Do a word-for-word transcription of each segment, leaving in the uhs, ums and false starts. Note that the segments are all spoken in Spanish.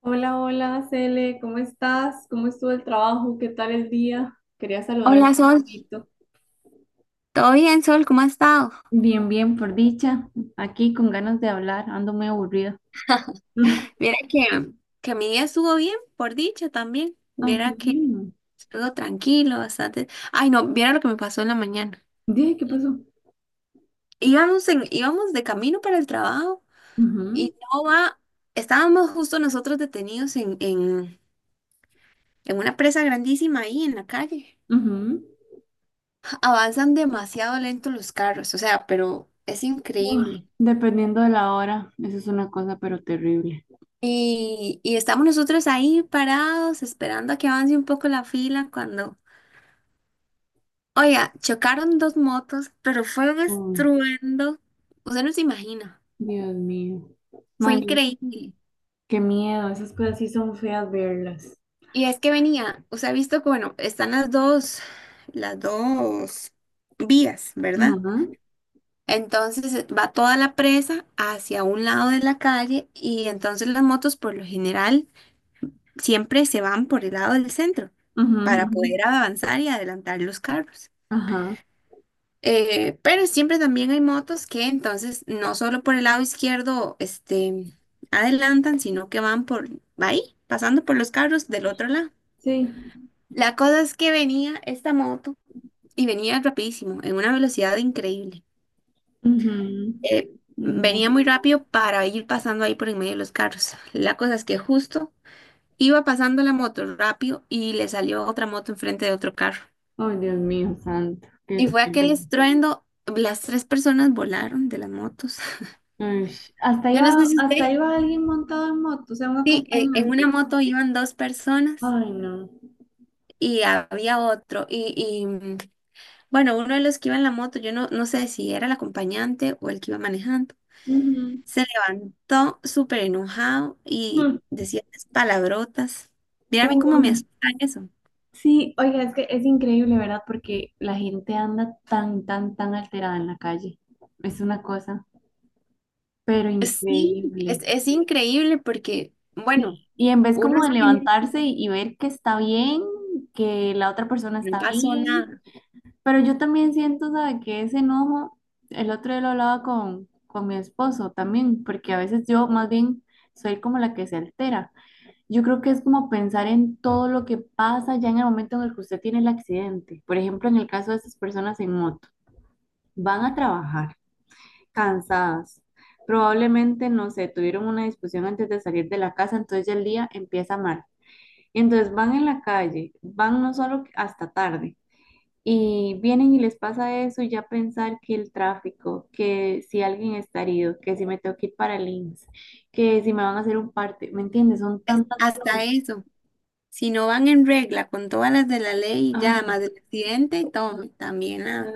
Hola, hola, Cele, ¿cómo estás? ¿Cómo estuvo el trabajo? ¿Qué tal el día? Quería saludarte Hola un Sol, ratito. ¿todo bien Sol? ¿Cómo has estado? Bien, bien, por dicha. Aquí con ganas de hablar, ando muy aburrida. Viera que, que mi día estuvo bien, por dicha también. Ay, qué Viera que bien. estuvo tranquilo, bastante. Ay, no, viera lo que me pasó en la mañana. Dije, ¿qué pasó? Íbamos, en, íbamos de camino para el trabajo y Ujú, no va, estábamos justo nosotros detenidos en, en, en una presa grandísima ahí en la calle. ujú. Avanzan demasiado lento los carros, o sea, pero es Ay, increíble. dependiendo de la hora, eso es una cosa pero terrible. Y, y estamos nosotros ahí parados esperando a que avance un poco la fila cuando... Oiga, chocaron dos motos, pero fue un Uy, estruendo. Usted no se imagina. Dios mío. Fue Mani, increíble. qué miedo, esas cosas sí son feas verlas. Y es que venía, usted ha visto que, bueno, están las dos, las dos vías, ¿verdad? Ajá, Entonces eh, va toda la presa hacia un lado de la calle y entonces las motos por lo general siempre se van por el lado del centro ajá, para ajá, poder avanzar y adelantar los carros. ajá. Eh, pero siempre también hay motos que entonces no solo por el lado izquierdo este, adelantan, sino que van por ahí, pasando por los carros del otro lado. Sí, La cosa es que venía esta moto y venía rapidísimo, en una velocidad increíble. ujú. Eh, Mm, no. Venía muy rápido para ir pasando ahí por en medio de los carros. La cosa es que justo iba pasando la moto rápido y le salió otra moto enfrente de otro carro. Ay, Dios mío, santo, qué Y fue aquel terrible. estruendo, las tres personas volaron de las motos. Ay, hasta Yo no sé iba, si usted... hasta iba alguien montado en moto, o sea, un Sí, en, en una acompañante. moto iban dos personas Ay, no. y había otro. Y, y, mm, bueno, uno de los que iba en la moto, yo no, no sé si era el acompañante o el que iba manejando, Ujú. se levantó súper enojado y Mm. decía esas palabrotas. Mira a mí cómo me Uy. asusta eso. Sí, oiga, es que es increíble, ¿verdad? Porque la gente anda tan, tan, tan alterada en la calle. Es una cosa, pero Sí, es, increíble. es increíble porque, bueno, Y en vez uno como de es que levantarse y, y ver que está bien, que la otra persona no está pasó bien. nada, Pero yo también siento, ¿sabe? Que ese enojo, el otro día lo hablaba con, con mi esposo también, porque a veces yo más bien soy como la que se altera. Yo creo que es como pensar en todo lo que pasa ya en el momento en el que usted tiene el accidente. Por ejemplo, en el caso de esas personas en moto, van a trabajar cansadas. Probablemente, no sé, tuvieron una discusión antes de salir de la casa, entonces ya el día empieza mal. Entonces van en la calle, van no solo hasta tarde y vienen y les pasa eso y ya pensar que el tráfico, que si alguien está herido, que si me tengo que ir para el I M S S, que si me van a hacer un parte, ¿me entiendes? Son es- tantas cosas. hasta eso. Si no van en regla con todas las de la ley, ya Ah, más del accidente y todo, también nada.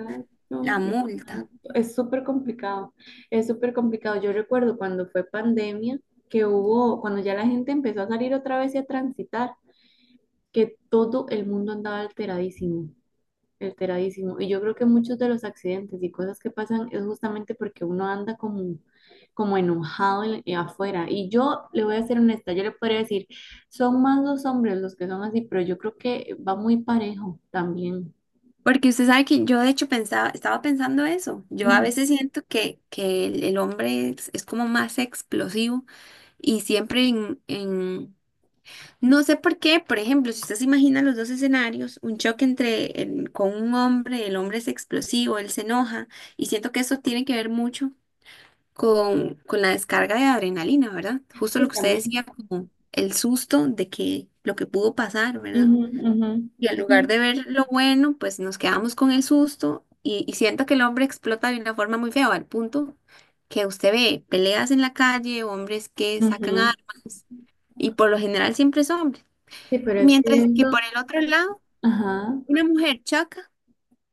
La multa. exacto. Es súper complicado, es súper complicado. Yo recuerdo cuando fue pandemia, que hubo, cuando ya la gente empezó a salir otra vez y a transitar, que todo el mundo andaba alteradísimo. Alteradísimo. Y yo creo que muchos de los accidentes y cosas que pasan es justamente porque uno anda como, como enojado en- eh, afuera. Y yo le voy a ser honesta, yo le podría decir, son más los hombres los que son así, pero yo creo que va muy parejo también. Porque usted sabe que yo de hecho pensaba, estaba pensando eso. Yo a Ujú. veces siento que, que el, el hombre es, es como más explosivo y siempre en, en- no sé por qué, por ejemplo, si usted se imagina los dos escenarios, un choque entre el- con un hombre, el hombre es explosivo, él se enoja y siento que eso tiene que ver mucho con, con la descarga de adrenalina, ¿verdad? Justo lo Sí, que usted también. decía, como el susto de que lo que pudo pasar, ¿verdad? Ujú, ujú. Y en Sí, lugar de ver lo bueno, pues nos quedamos con el susto y, y siento que el hombre explota de una forma muy fea, al punto que usted ve peleas en la calle, hombres que sacan ujú. armas y por lo general siempre es hombre. Sí, pero es que Mientras que por eso, el otro lado, ajá. una mujer choca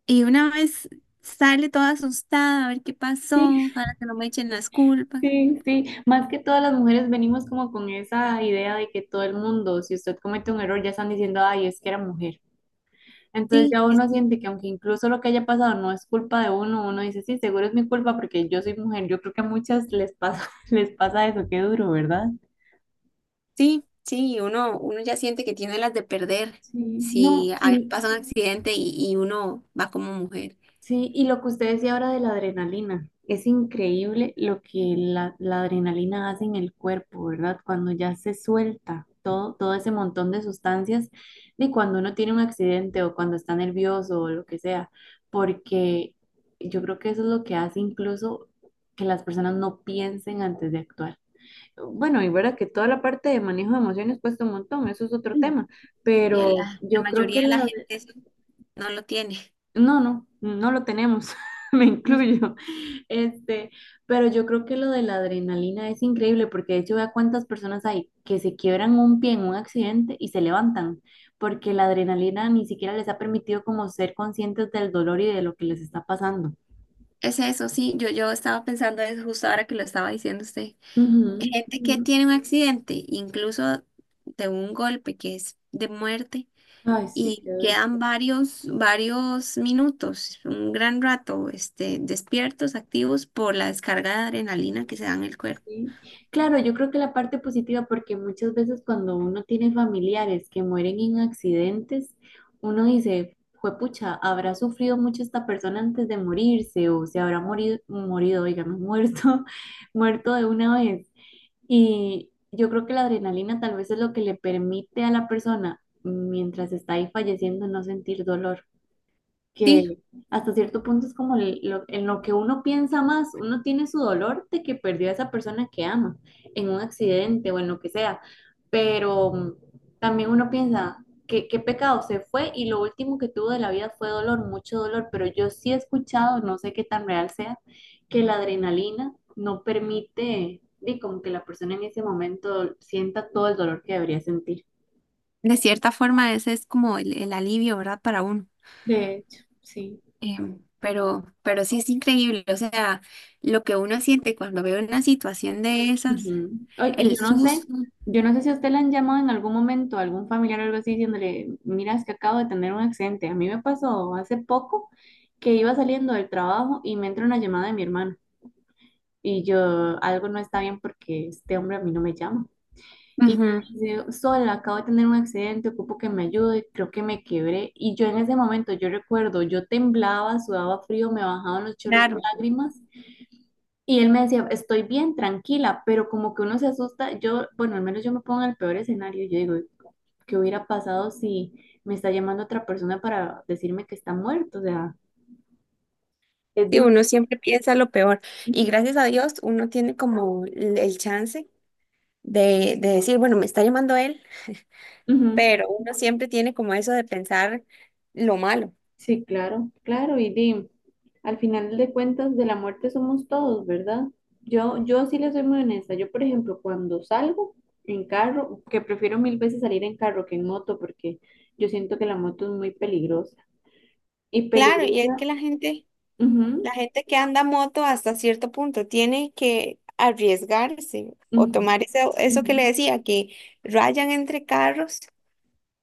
y una vez sale toda asustada a ver qué Sí, pasó, para que no me echen las culpas. sí, sí. Más que todas las mujeres venimos como con esa idea de que todo el mundo, si usted comete un error, ya están diciendo, ay, es que era mujer. Entonces Sí, ya es- uno siente que aunque incluso lo que haya pasado no es culpa de uno, uno dice, sí, seguro es mi culpa porque yo soy mujer. Yo creo que a muchas les pasa, les pasa eso, qué duro, ¿verdad? sí, sí, uno, uno ya siente que tiene las de perder Sí, si no, ah, y, pasa un accidente y, y uno va como mujer. sí, y lo que usted decía ahora de la adrenalina, es increíble lo que la, la adrenalina hace en el cuerpo, ¿verdad? Cuando ya se suelta todo, todo ese montón de sustancias, y cuando uno tiene un accidente o cuando está nervioso o lo que sea, porque yo creo que eso es lo que hace incluso que las personas no piensen antes de actuar. Bueno, y verdad que toda la parte de manejo de emociones cuesta un montón, eso es otro tema, Y a pero la, la yo creo que mayoría de la la, gente eso no lo tiene. no, no, no lo tenemos, me Ujú. incluyo. Este, pero yo creo que lo de la adrenalina es increíble porque de hecho vea cuántas personas hay que se quiebran un pie en un accidente y se levantan porque la adrenalina ni siquiera les ha permitido como ser conscientes del dolor y de lo que les está pasando. Es eso, sí, yo, yo estaba pensando eso justo ahora que lo estaba diciendo usted. Ujú, Gente que ujú. tiene un accidente, incluso de un golpe que es de muerte, Ay, sí, y qué duro. quedan varios, varios minutos, un gran rato, este, despiertos, activos por la descarga de adrenalina que se da en el cuerpo. Sí. Claro, yo creo que la parte positiva, porque muchas veces cuando uno tiene familiares que mueren en accidentes, uno dice, juepucha, habrá sufrido mucho esta persona antes de morirse, o se habrá morido, morido, digamos, muerto, muerto de una vez. Y yo creo que la adrenalina tal vez es lo que le permite a la persona, mientras está ahí falleciendo, no sentir dolor Sí, que hasta cierto punto es como el- lo- en lo que uno piensa más, uno tiene su dolor de que perdió a esa persona que ama en un accidente o en lo que sea, pero mm, también uno piensa que qué pecado se fue y lo último que tuvo de la vida fue dolor, mucho dolor, pero yo sí he escuchado, no sé qué tan real sea, que la adrenalina no permite, y como que la persona en ese momento sienta todo el dolor que debería sentir. de cierta forma ese es como el, el alivio, ¿verdad? Para uno. De hecho, sí. Em, pero, pero sí es increíble, o sea, lo que uno siente cuando ve una situación de esas, Ujú. Ay, y yo el no sé, susto. yo no sé si a usted le han llamado en algún momento, algún familiar o algo así, diciéndole, mira, es que acabo de tener un accidente. A mí me pasó hace poco que iba saliendo del trabajo y me entra una llamada de mi hermano. Y yo, algo no está bien porque este hombre a mí no me llama. Y me Ujú, dice, Sol, acabo de tener un accidente, ocupo que me ayude, creo que me quebré. Y yo en ese momento, yo recuerdo, yo temblaba, sudaba frío, me bajaban los chorros de claro. lágrimas y él me decía, estoy bien, tranquila, pero como que uno se asusta, yo, bueno, al menos yo me pongo en el peor escenario, yo digo, ¿qué hubiera pasado si me está llamando otra persona para decirme que está muerto? O sea, es Sí, duro. uno siempre piensa lo peor y Ujú, gracias a Dios uno tiene como el el chance de, de decir, bueno, me está llamando él, ujú. pero uno siempre tiene como eso de pensar lo malo. Sí, claro, claro, y di, al final de cuentas de la muerte somos todos, ¿verdad? Yo, yo sí le soy muy honesta, yo por ejemplo, cuando salgo en carro, que prefiero mil veces salir en carro que en moto, porque yo siento que la moto es muy peligrosa. Y Claro, y es que peligrosa, la gente ujú, la gente que anda moto hasta cierto punto tiene que arriesgarse o ujú, tomar ese eso que ujú. le decía, que rayan entre carros,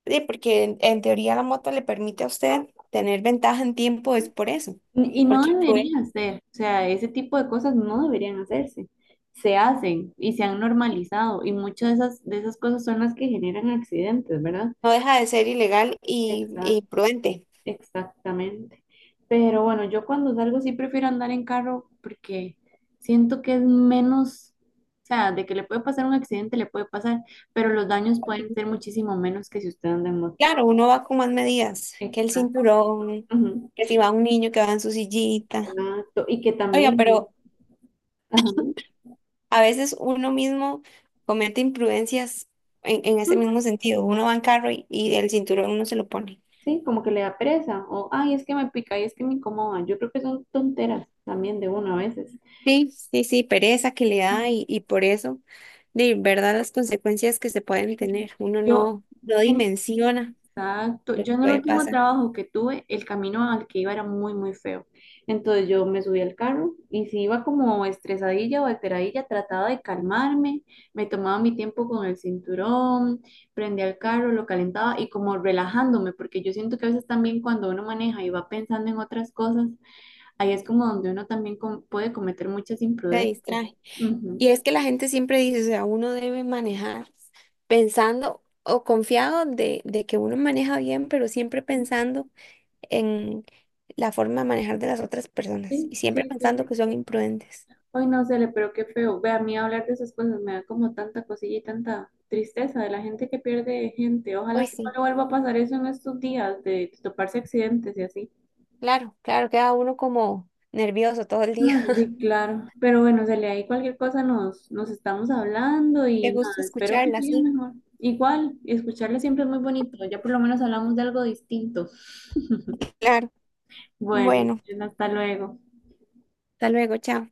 sí, porque en, en teoría la moto le permite a usted tener ventaja en tiempo, es por eso, Y no porque prue- debería ser, o sea, ese tipo de cosas no deberían hacerse. Se hacen y se han normalizado y muchas de esas, de esas cosas son las que generan accidentes, ¿verdad? no deja de ser ilegal y, Exact, y prudente. exactamente. Pero bueno, yo cuando salgo sí prefiero andar en carro porque siento que es menos, o sea, de que le puede pasar un accidente, le puede pasar, pero los daños Aquí, pueden ser muchísimo menos que si usted anda en moto. claro, uno va con más medidas, que el Exacto. cinturón, Ujú, que si va un niño que va en su sillita. exacto. Y que Oiga, también... pero Ajá. a veces uno mismo comete imprudencias en, en ese mismo sentido. Uno va en carro y, y el cinturón uno se lo pone. Sí, como que le da pereza, o ay, es que me pica, y es que me incomoda. Yo creo que son tonteras también de uno a veces. Sí, sí, sí, pereza que le da y, y por eso, de verdad, las consecuencias que se pueden tener. Uno Yo, no, no en- dimensiona exacto, lo yo que en el puede último pasar, trabajo que tuve, el camino al que iba era muy, muy feo. Entonces yo me subí al carro y si iba como estresadilla o alteradilla, trataba de calmarme, me tomaba mi tiempo con el cinturón, prendía el carro, lo calentaba y como relajándome, porque yo siento que a veces también cuando uno maneja y va pensando en otras cosas, ahí es como donde uno también com- puede cometer muchas se imprudencias. distrae. Ujú. Y es que la gente siempre dice, o sea, uno debe manejar pensando o confiado de, de que uno maneja bien, pero siempre Sí, pensando en la forma de manejar de las otras personas sí, y siempre sí. pensando Sí. que son imprudentes. Ay no, Cele, pero qué feo. Ve, a mí hablar de esas cosas me da como tanta cosilla y tanta tristeza de la gente que pierde gente. Ojalá Hoy que no sí, le vuelva a pasar eso en estos días de toparse accidentes y así. claro, claro, queda uno como nervioso todo el día. Ay, sí, claro. Pero bueno, Cele, ahí cualquier cosa nos, nos estamos hablando Qué y gusto nada, espero que escucharla, siga sí, mejor. Igual, escucharle siempre es muy bonito. Ya por lo menos hablamos de algo distinto. claro. Bueno, Bueno, hasta luego. hasta luego, chao.